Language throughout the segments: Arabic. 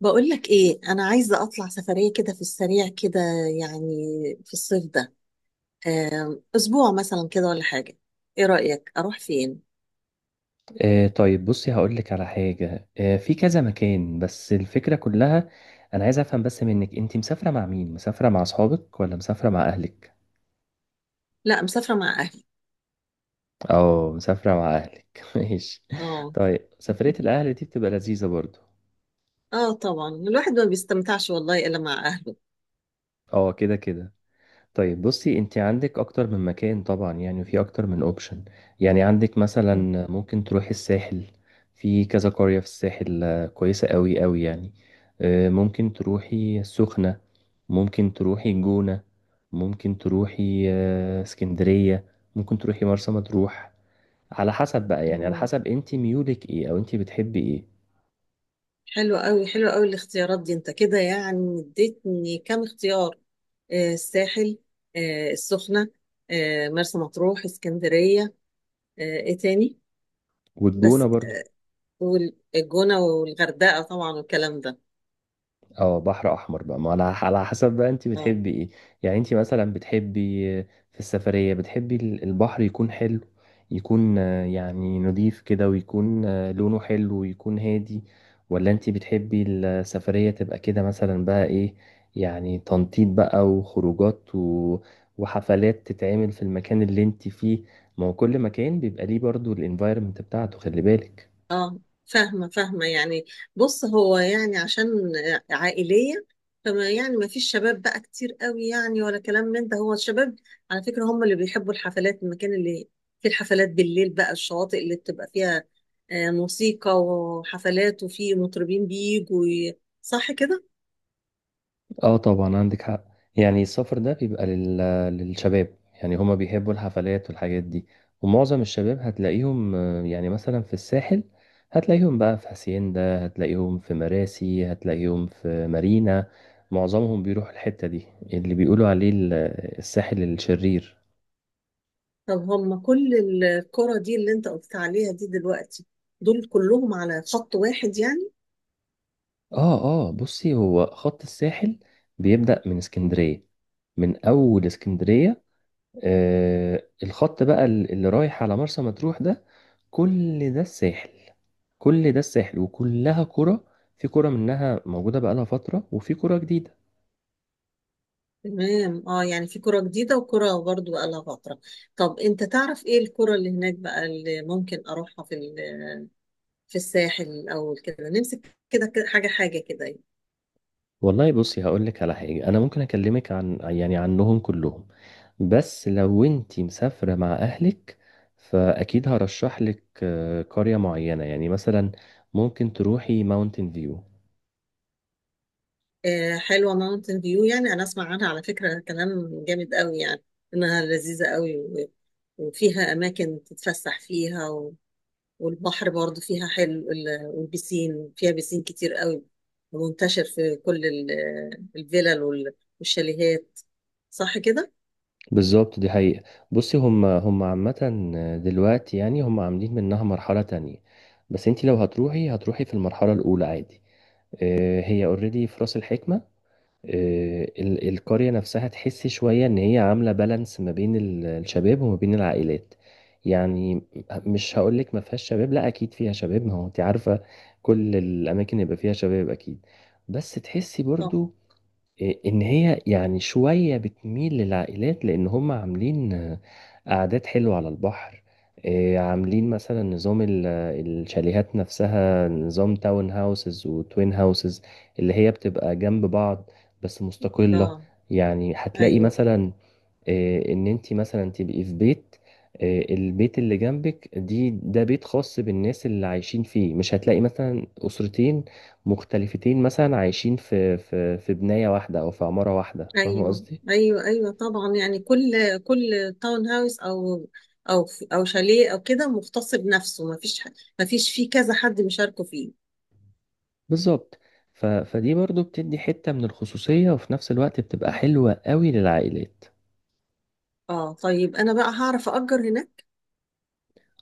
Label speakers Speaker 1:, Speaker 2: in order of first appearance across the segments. Speaker 1: بقولك ايه، انا عايزه اطلع سفريه كده في السريع كده يعني في الصيف ده، اسبوع مثلا كده ولا حاجه. ايه رايك اروح فين؟
Speaker 2: آه طيب بصي، هقول لك على حاجة في كذا مكان. بس الفكرة كلها، أنا عايز أفهم بس منك، أنت مسافرة مع مين؟ مسافرة مع أصحابك ولا مسافرة مع أهلك؟
Speaker 1: لا، مسافره مع اهلي.
Speaker 2: أه مسافرة مع أهلك ماشي.
Speaker 1: اه.
Speaker 2: طيب سفرية الأهل دي بتبقى لذيذة برضو.
Speaker 1: اه، طبعا الواحد ما بيستمتعش والله الا مع اهله.
Speaker 2: أه كده كده. طيب بصي، انت عندك اكتر من مكان طبعا يعني، وفي اكتر من اوبشن. يعني عندك مثلا ممكن تروحي الساحل. في كذا قرية في الساحل، كويسة قوي قوي يعني. ممكن تروحي السخنة. ممكن تروحي الجونة. ممكن تروحي اسكندرية. ممكن تروحي مرسى مطروح. على حسب بقى، يعني على
Speaker 1: آه.
Speaker 2: حسب انت ميولك ايه او انت بتحبي ايه.
Speaker 1: حلو قوي، حلو قوي الاختيارات دي، انت كده يعني اديتني كام اختيار. الساحل، السخنه، مرسى مطروح، اسكندريه، ايه تاني؟
Speaker 2: والجونة
Speaker 1: بس،
Speaker 2: برضو.
Speaker 1: والجونه والغردقه طبعا والكلام ده.
Speaker 2: اه بحر احمر بقى، ما على حسب بقى انت
Speaker 1: اه
Speaker 2: بتحبي ايه. يعني انت مثلا بتحبي في السفرية بتحبي البحر يكون حلو، يكون يعني نضيف كده، ويكون لونه حلو ويكون هادي. ولا انت بتحبي السفرية تبقى كده مثلا بقى ايه، يعني تنطيط بقى وخروجات و... وحفلات تتعمل في المكان اللي انت فيه. ما هو كل مكان بيبقى ليه برضو الانفايرمنت بتاعته، خلي بالك.
Speaker 1: اه. فاهمة فاهمة يعني. بص، هو يعني عشان عائلية، فما يعني ما فيش شباب بقى كتير قوي يعني ولا كلام من ده. هو الشباب على فكرة هم اللي بيحبوا الحفلات، المكان اللي فيه الحفلات بالليل بقى، الشواطئ اللي بتبقى فيها موسيقى وحفلات وفي مطربين بيجوا صح كده؟
Speaker 2: اه طبعا عندك حق. يعني السفر ده بيبقى لل... للشباب يعني، هما بيحبوا الحفلات والحاجات دي. ومعظم الشباب هتلاقيهم يعني مثلا في الساحل. هتلاقيهم بقى في هاسيندا، هتلاقيهم في مراسي، هتلاقيهم في مارينا. معظمهم بيروحوا الحتة دي اللي بيقولوا عليه الساحل الشرير.
Speaker 1: طب هم كل الكرة دي اللي انت قلت عليها دي دلوقتي، دول كلهم على خط واحد يعني؟
Speaker 2: اه. اه بصي، هو خط الساحل بيبدأ من اسكندرية، من أول اسكندرية، آه الخط بقى اللي رايح على مرسى مطروح ده، كل ده الساحل. كل ده الساحل وكلها كرة. في كرة منها موجودة بقالها فترة، وفي كرة جديدة.
Speaker 1: تمام، اه، يعني في كرة جديدة وكرة برضو بقالها فترة. طب انت تعرف ايه الكرة اللي هناك بقى اللي ممكن اروحها في في الساحل الاول، كده نمسك كده كده حاجة حاجة كده يعني.
Speaker 2: والله بصي، هقول لك على حاجة. أنا ممكن أكلمك عن يعني عنهم كلهم، بس لو أنتي مسافرة مع أهلك فأكيد هرشح لك قرية معينة. يعني مثلا ممكن تروحي ماونتين فيو.
Speaker 1: آه، حلوة ماونتن فيو يعني، انا اسمع عنها على فكرة كلام جامد قوي يعني، انها لذيذة قوي وفيها اماكن تتفسح فيها والبحر برضو فيها حلو، والبسين فيها، بسين كتير قوي منتشر في كل الفلل والشاليهات. صح كده؟
Speaker 2: بالظبط دي حقيقة. بصي هم عامة دلوقتي، يعني هم عاملين منها مرحلة تانية، بس انت لو هتروحي هتروحي في المرحلة الأولى عادي. اه هي اوريدي في رأس الحكمة. اه القرية نفسها تحسي شوية ان هي عاملة بالانس ما بين الشباب وما بين العائلات يعني. مش هقولك ما فيهاش شباب، لا اكيد فيها شباب، ما هو انت عارفة كل الاماكن يبقى فيها شباب اكيد. بس تحسي
Speaker 1: اه،
Speaker 2: برضو ان هي يعني شوية بتميل للعائلات، لان هم عاملين قعدات حلوة على البحر. عاملين مثلا نظام الشاليهات نفسها، نظام تاون هاوسز وتوين هاوسز، اللي هي بتبقى جنب بعض بس مستقلة.
Speaker 1: اه.
Speaker 2: يعني هتلاقي
Speaker 1: ايوه،
Speaker 2: مثلا ان انت مثلا تبقي في بيت، البيت اللي جنبك دي ده بيت خاص بالناس اللي عايشين فيه. مش هتلاقي مثلا اسرتين مختلفتين مثلا عايشين في بناية واحدة او في عمارة واحدة، فاهمة
Speaker 1: ايوه،
Speaker 2: قصدي.
Speaker 1: ايوه، ايوه طبعا يعني، كل تاون هاوس، او او شاليه او كده مختص بنفسه. ما فيش فيه كذا حد مشاركه فيه.
Speaker 2: بالظبط. ف فدي برضو بتدي حتة من الخصوصية، وفي نفس الوقت بتبقى حلوة قوي للعائلات.
Speaker 1: اه طيب، انا بقى هعرف اجر هناك؟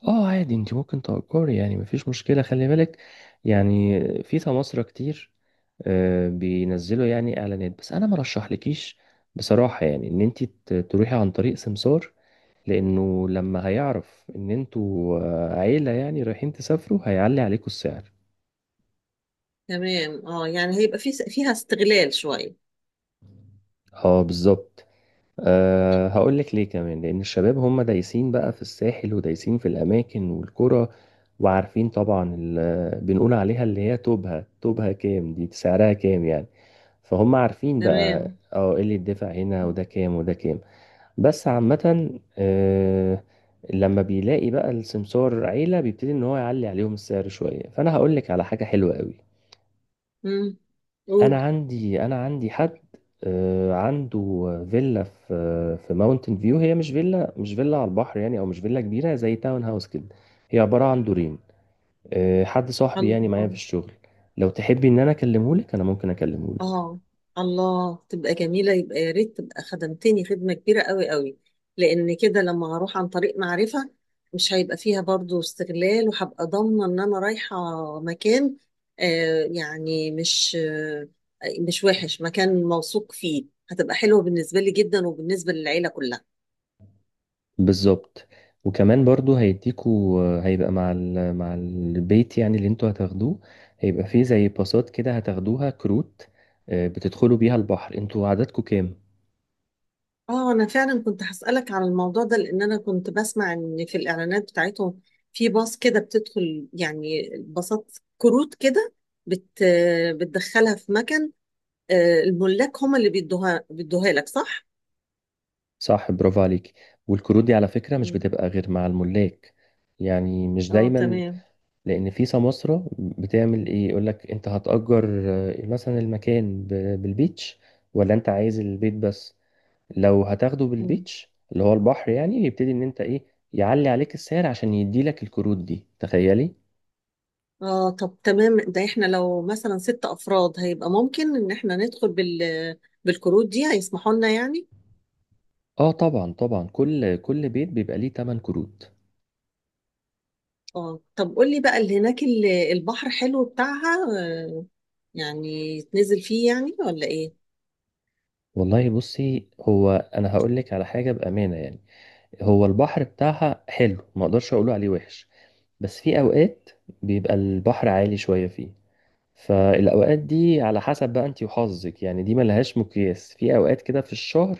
Speaker 2: اه عادي، انت ممكن تأجري يعني، مفيش مشكلة. خلي بالك يعني في سماسرة كتير بينزلوا يعني اعلانات. بس انا ما رشحلكيش بصراحة يعني ان انت تروحي عن طريق سمسار، لانه لما هيعرف ان انتوا عيلة يعني رايحين تسافروا هيعلي عليكم السعر.
Speaker 1: تمام، اه يعني هيبقى فيها استغلال شويه.
Speaker 2: اه بالظبط. أه هقول لك ليه كمان، لان الشباب هم دايسين بقى في الساحل ودايسين في الاماكن والقرى، وعارفين طبعا بنقول عليها اللي هي توبها توبها كام دي، سعرها كام يعني. فهم عارفين بقى
Speaker 1: تمام.
Speaker 2: اه ايه اللي يدفع هنا، وده كام وده كام. بس عامة، آه، لما بيلاقي بقى السمسار عيلة، بيبتدي ان هو يعلي عليهم السعر شوية. فانا هقول لك على حاجة حلوة قوي.
Speaker 1: امم قول.
Speaker 2: انا عندي حد عنده فيلا في ماونتن فيو. هي مش فيلا، على البحر يعني، او مش فيلا كبيرة زي تاون هاوس كده. هي عبارة عن دورين. حد صاحبي يعني
Speaker 1: الله.
Speaker 2: معايا في
Speaker 1: آه.
Speaker 2: الشغل. لو تحبي ان انا اكلمه لك، انا ممكن اكلمه لك.
Speaker 1: اه، الله تبقى جميلة، يبقى يا ريت، تبقى خدمتني خدمة كبيرة قوي قوي. لأن كده لما هروح عن طريق معرفة، مش هيبقى فيها برضو استغلال، وهبقى ضامنة إن أنا رايحة مكان، يعني مش مش وحش، مكان موثوق فيه. هتبقى حلوة بالنسبة لي جدا وبالنسبة للعيلة كلها.
Speaker 2: بالظبط. وكمان برضو هيديكوا، هيبقى مع مع البيت يعني اللي انتوا هتاخدوه، هيبقى فيه زي باصات كده هتاخدوها، كروت بتدخلوا بيها البحر. انتوا عددكوا كام؟
Speaker 1: اه، انا فعلا كنت هسألك على الموضوع ده لان انا كنت بسمع ان في الاعلانات بتاعتهم، في باص كده بتدخل يعني، باصات كروت كده بت بتدخلها في مكان. الملاك هم اللي بيدوها لك، صح؟
Speaker 2: صح، برافو عليك. والكروت دي على فكرة مش
Speaker 1: مم.
Speaker 2: بتبقى غير مع الملاك، يعني مش
Speaker 1: اه،
Speaker 2: دايما.
Speaker 1: تمام.
Speaker 2: لان في سماسرة بتعمل ايه، يقولك انت هتأجر مثلا المكان بالبيتش ولا انت عايز البيت بس. لو هتاخده
Speaker 1: مم.
Speaker 2: بالبيتش اللي هو البحر يعني، يبتدي ان انت ايه، يعلي عليك السعر عشان يديلك الكروت دي، تخيلي.
Speaker 1: اه طب، تمام. ده احنا لو مثلا ست افراد هيبقى ممكن ان احنا ندخل بالكروت دي، هيسمحوا لنا يعني؟
Speaker 2: اه طبعا طبعا كل بيت بيبقى ليه 8 كروت.
Speaker 1: اه طب قول لي بقى، اللي هناك البحر حلو بتاعها، يعني يتنزل فيه يعني ولا ايه؟
Speaker 2: والله بصي، هو انا هقول لك على حاجه بامانه يعني، هو البحر بتاعها حلو ما اقدرش اقوله عليه وحش. بس في اوقات بيبقى البحر عالي شويه فيه، فالأوقات دي على حسب بقى انت وحظك يعني. دي ملهاش مقياس في أوقات كده في الشهر،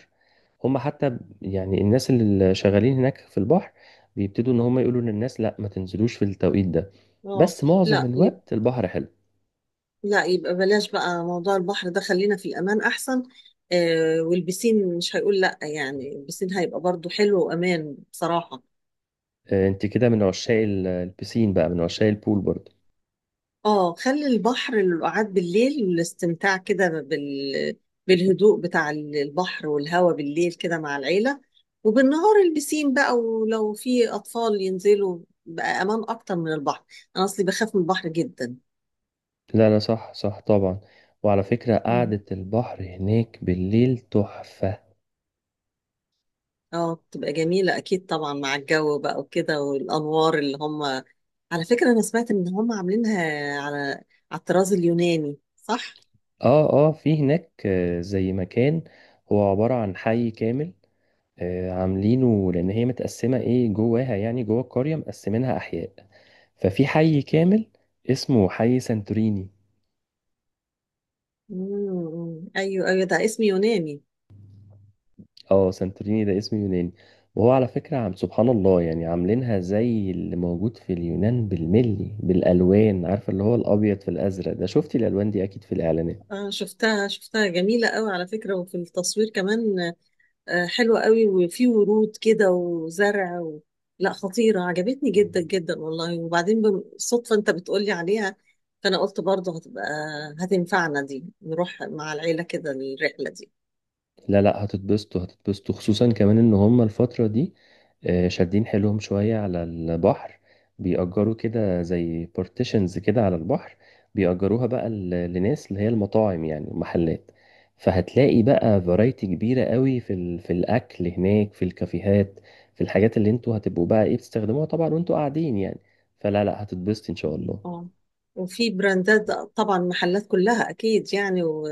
Speaker 2: هم حتى يعني الناس اللي شغالين هناك في البحر بيبتدوا ان هم يقولوا للناس لا ما تنزلوش في التوقيت ده.
Speaker 1: اه،
Speaker 2: بس معظم
Speaker 1: لا يب...
Speaker 2: الوقت البحر حلو.
Speaker 1: لا يبقى بلاش بقى موضوع البحر ده، خلينا في الامان احسن. والبسين مش هيقول لا يعني، البسين هيبقى برضو حلو وامان بصراحة.
Speaker 2: انت كده من عشاق البسين بقى، من عشاق البول برضه.
Speaker 1: اه، خلي البحر للقعاد بالليل والاستمتاع كده بالهدوء بتاع البحر والهواء بالليل كده مع العيلة. وبالنهار البسين بقى، ولو في اطفال ينزلوا بقى امان اكتر من البحر. انا اصلي بخاف من البحر جدا.
Speaker 2: لا لا صح صح طبعا. وعلى فكرة قعدة البحر هناك بالليل تحفة.
Speaker 1: اه، بتبقى جميلة أكيد طبعا، مع الجو بقى وكده والأنوار اللي هم. على فكرة أنا سمعت إن هم عاملينها على على الطراز اليوناني، صح؟
Speaker 2: اه اه في هناك زي مكان، هو عبارة عن حي كامل. عاملينه لان هي متقسمه ايه جواها، يعني جوه القريه مقسمينها احياء، ففي حي كامل اسمه حي سانتوريني.
Speaker 1: مم. أيوه، أيوه، ده اسم يوناني.
Speaker 2: اه سانتوريني ده اسم يوناني. وهو على فكره عم سبحان الله يعني، عاملينها زي اللي موجود في اليونان بالملي، بالالوان، عارفه اللي هو الابيض في الازرق ده، شفتي الالوان دي اكيد في الاعلانات.
Speaker 1: آه، شفتها شفتها جميلة قوي على فكرة، وفي التصوير كمان. آه، حلوة قوي، وفي ورود كده وزرع. لا، خطيرة، عجبتني جدا جدا والله. وبعدين بالصدفة أنت بتقولي عليها، فأنا قلت برضه هتنفعنا دي، نروح مع العيلة كده الرحلة دي.
Speaker 2: لا لا هتتبسطوا هتتبسطوا خصوصا كمان ان هم الفترة دي شادين حيلهم شوية على البحر، بيأجروا كده زي بارتيشنز كده على البحر، بيأجروها بقى لناس اللي هي المطاعم، يعني محلات. فهتلاقي بقى فرايتي كبيرة قوي في في الأكل هناك، في الكافيهات، في الحاجات اللي انتوا هتبقوا بقى ايه بتستخدموها طبعا وانتوا قاعدين يعني. فلا لا هتتبسطي ان شاء
Speaker 1: مم.
Speaker 2: الله.
Speaker 1: اه، وفي براندات طبعا، محلات كلها اكيد يعني، و...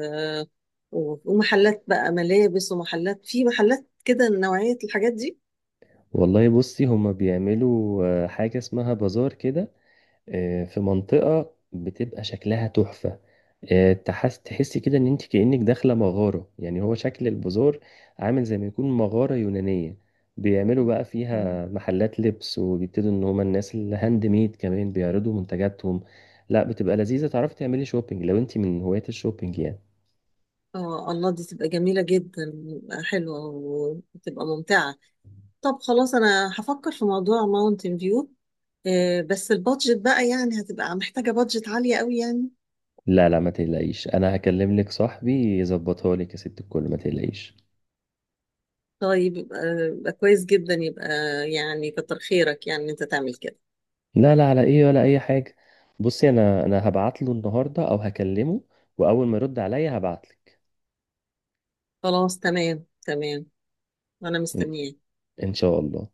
Speaker 1: و... ومحلات بقى ملابس، ومحلات في محلات كده نوعية الحاجات دي.
Speaker 2: والله بصي، هما بيعملوا حاجة اسمها بازار كده في منطقة بتبقى شكلها تحفة. تحسي كده ان انت كأنك داخلة مغارة. يعني هو شكل البازار عامل زي ما يكون مغارة يونانية. بيعملوا بقى
Speaker 1: مم.
Speaker 2: فيها محلات لبس، وبيبتدوا ان هما الناس الهاند ميد كمان بيعرضوا منتجاتهم. لا بتبقى لذيذة، تعرفي تعملي شوبينج لو انت من هواة الشوبينج يعني.
Speaker 1: اه، الله، دي تبقى جميلة جدا. حلوة، وتبقى ممتعة. طب خلاص، انا هفكر في موضوع ماونتن فيو، بس البادجت بقى يعني، هتبقى محتاجة بادجت عالية قوي يعني.
Speaker 2: لا لا ما تقلقيش، انا هكلم لك صاحبي يظبطها لك يا ست الكل، ما تقلقيش.
Speaker 1: طيب يبقى كويس جدا، يبقى يعني كتر خيرك يعني إن انت تعمل كده.
Speaker 2: لا لا على ايه ولا اي حاجة. بصي انا هبعت له النهاردة او هكلمه، واول ما يرد عليا هبعت لك.
Speaker 1: خلاص، تمام تمام، وانا
Speaker 2: ان
Speaker 1: مستنياك.
Speaker 2: إن شاء الله.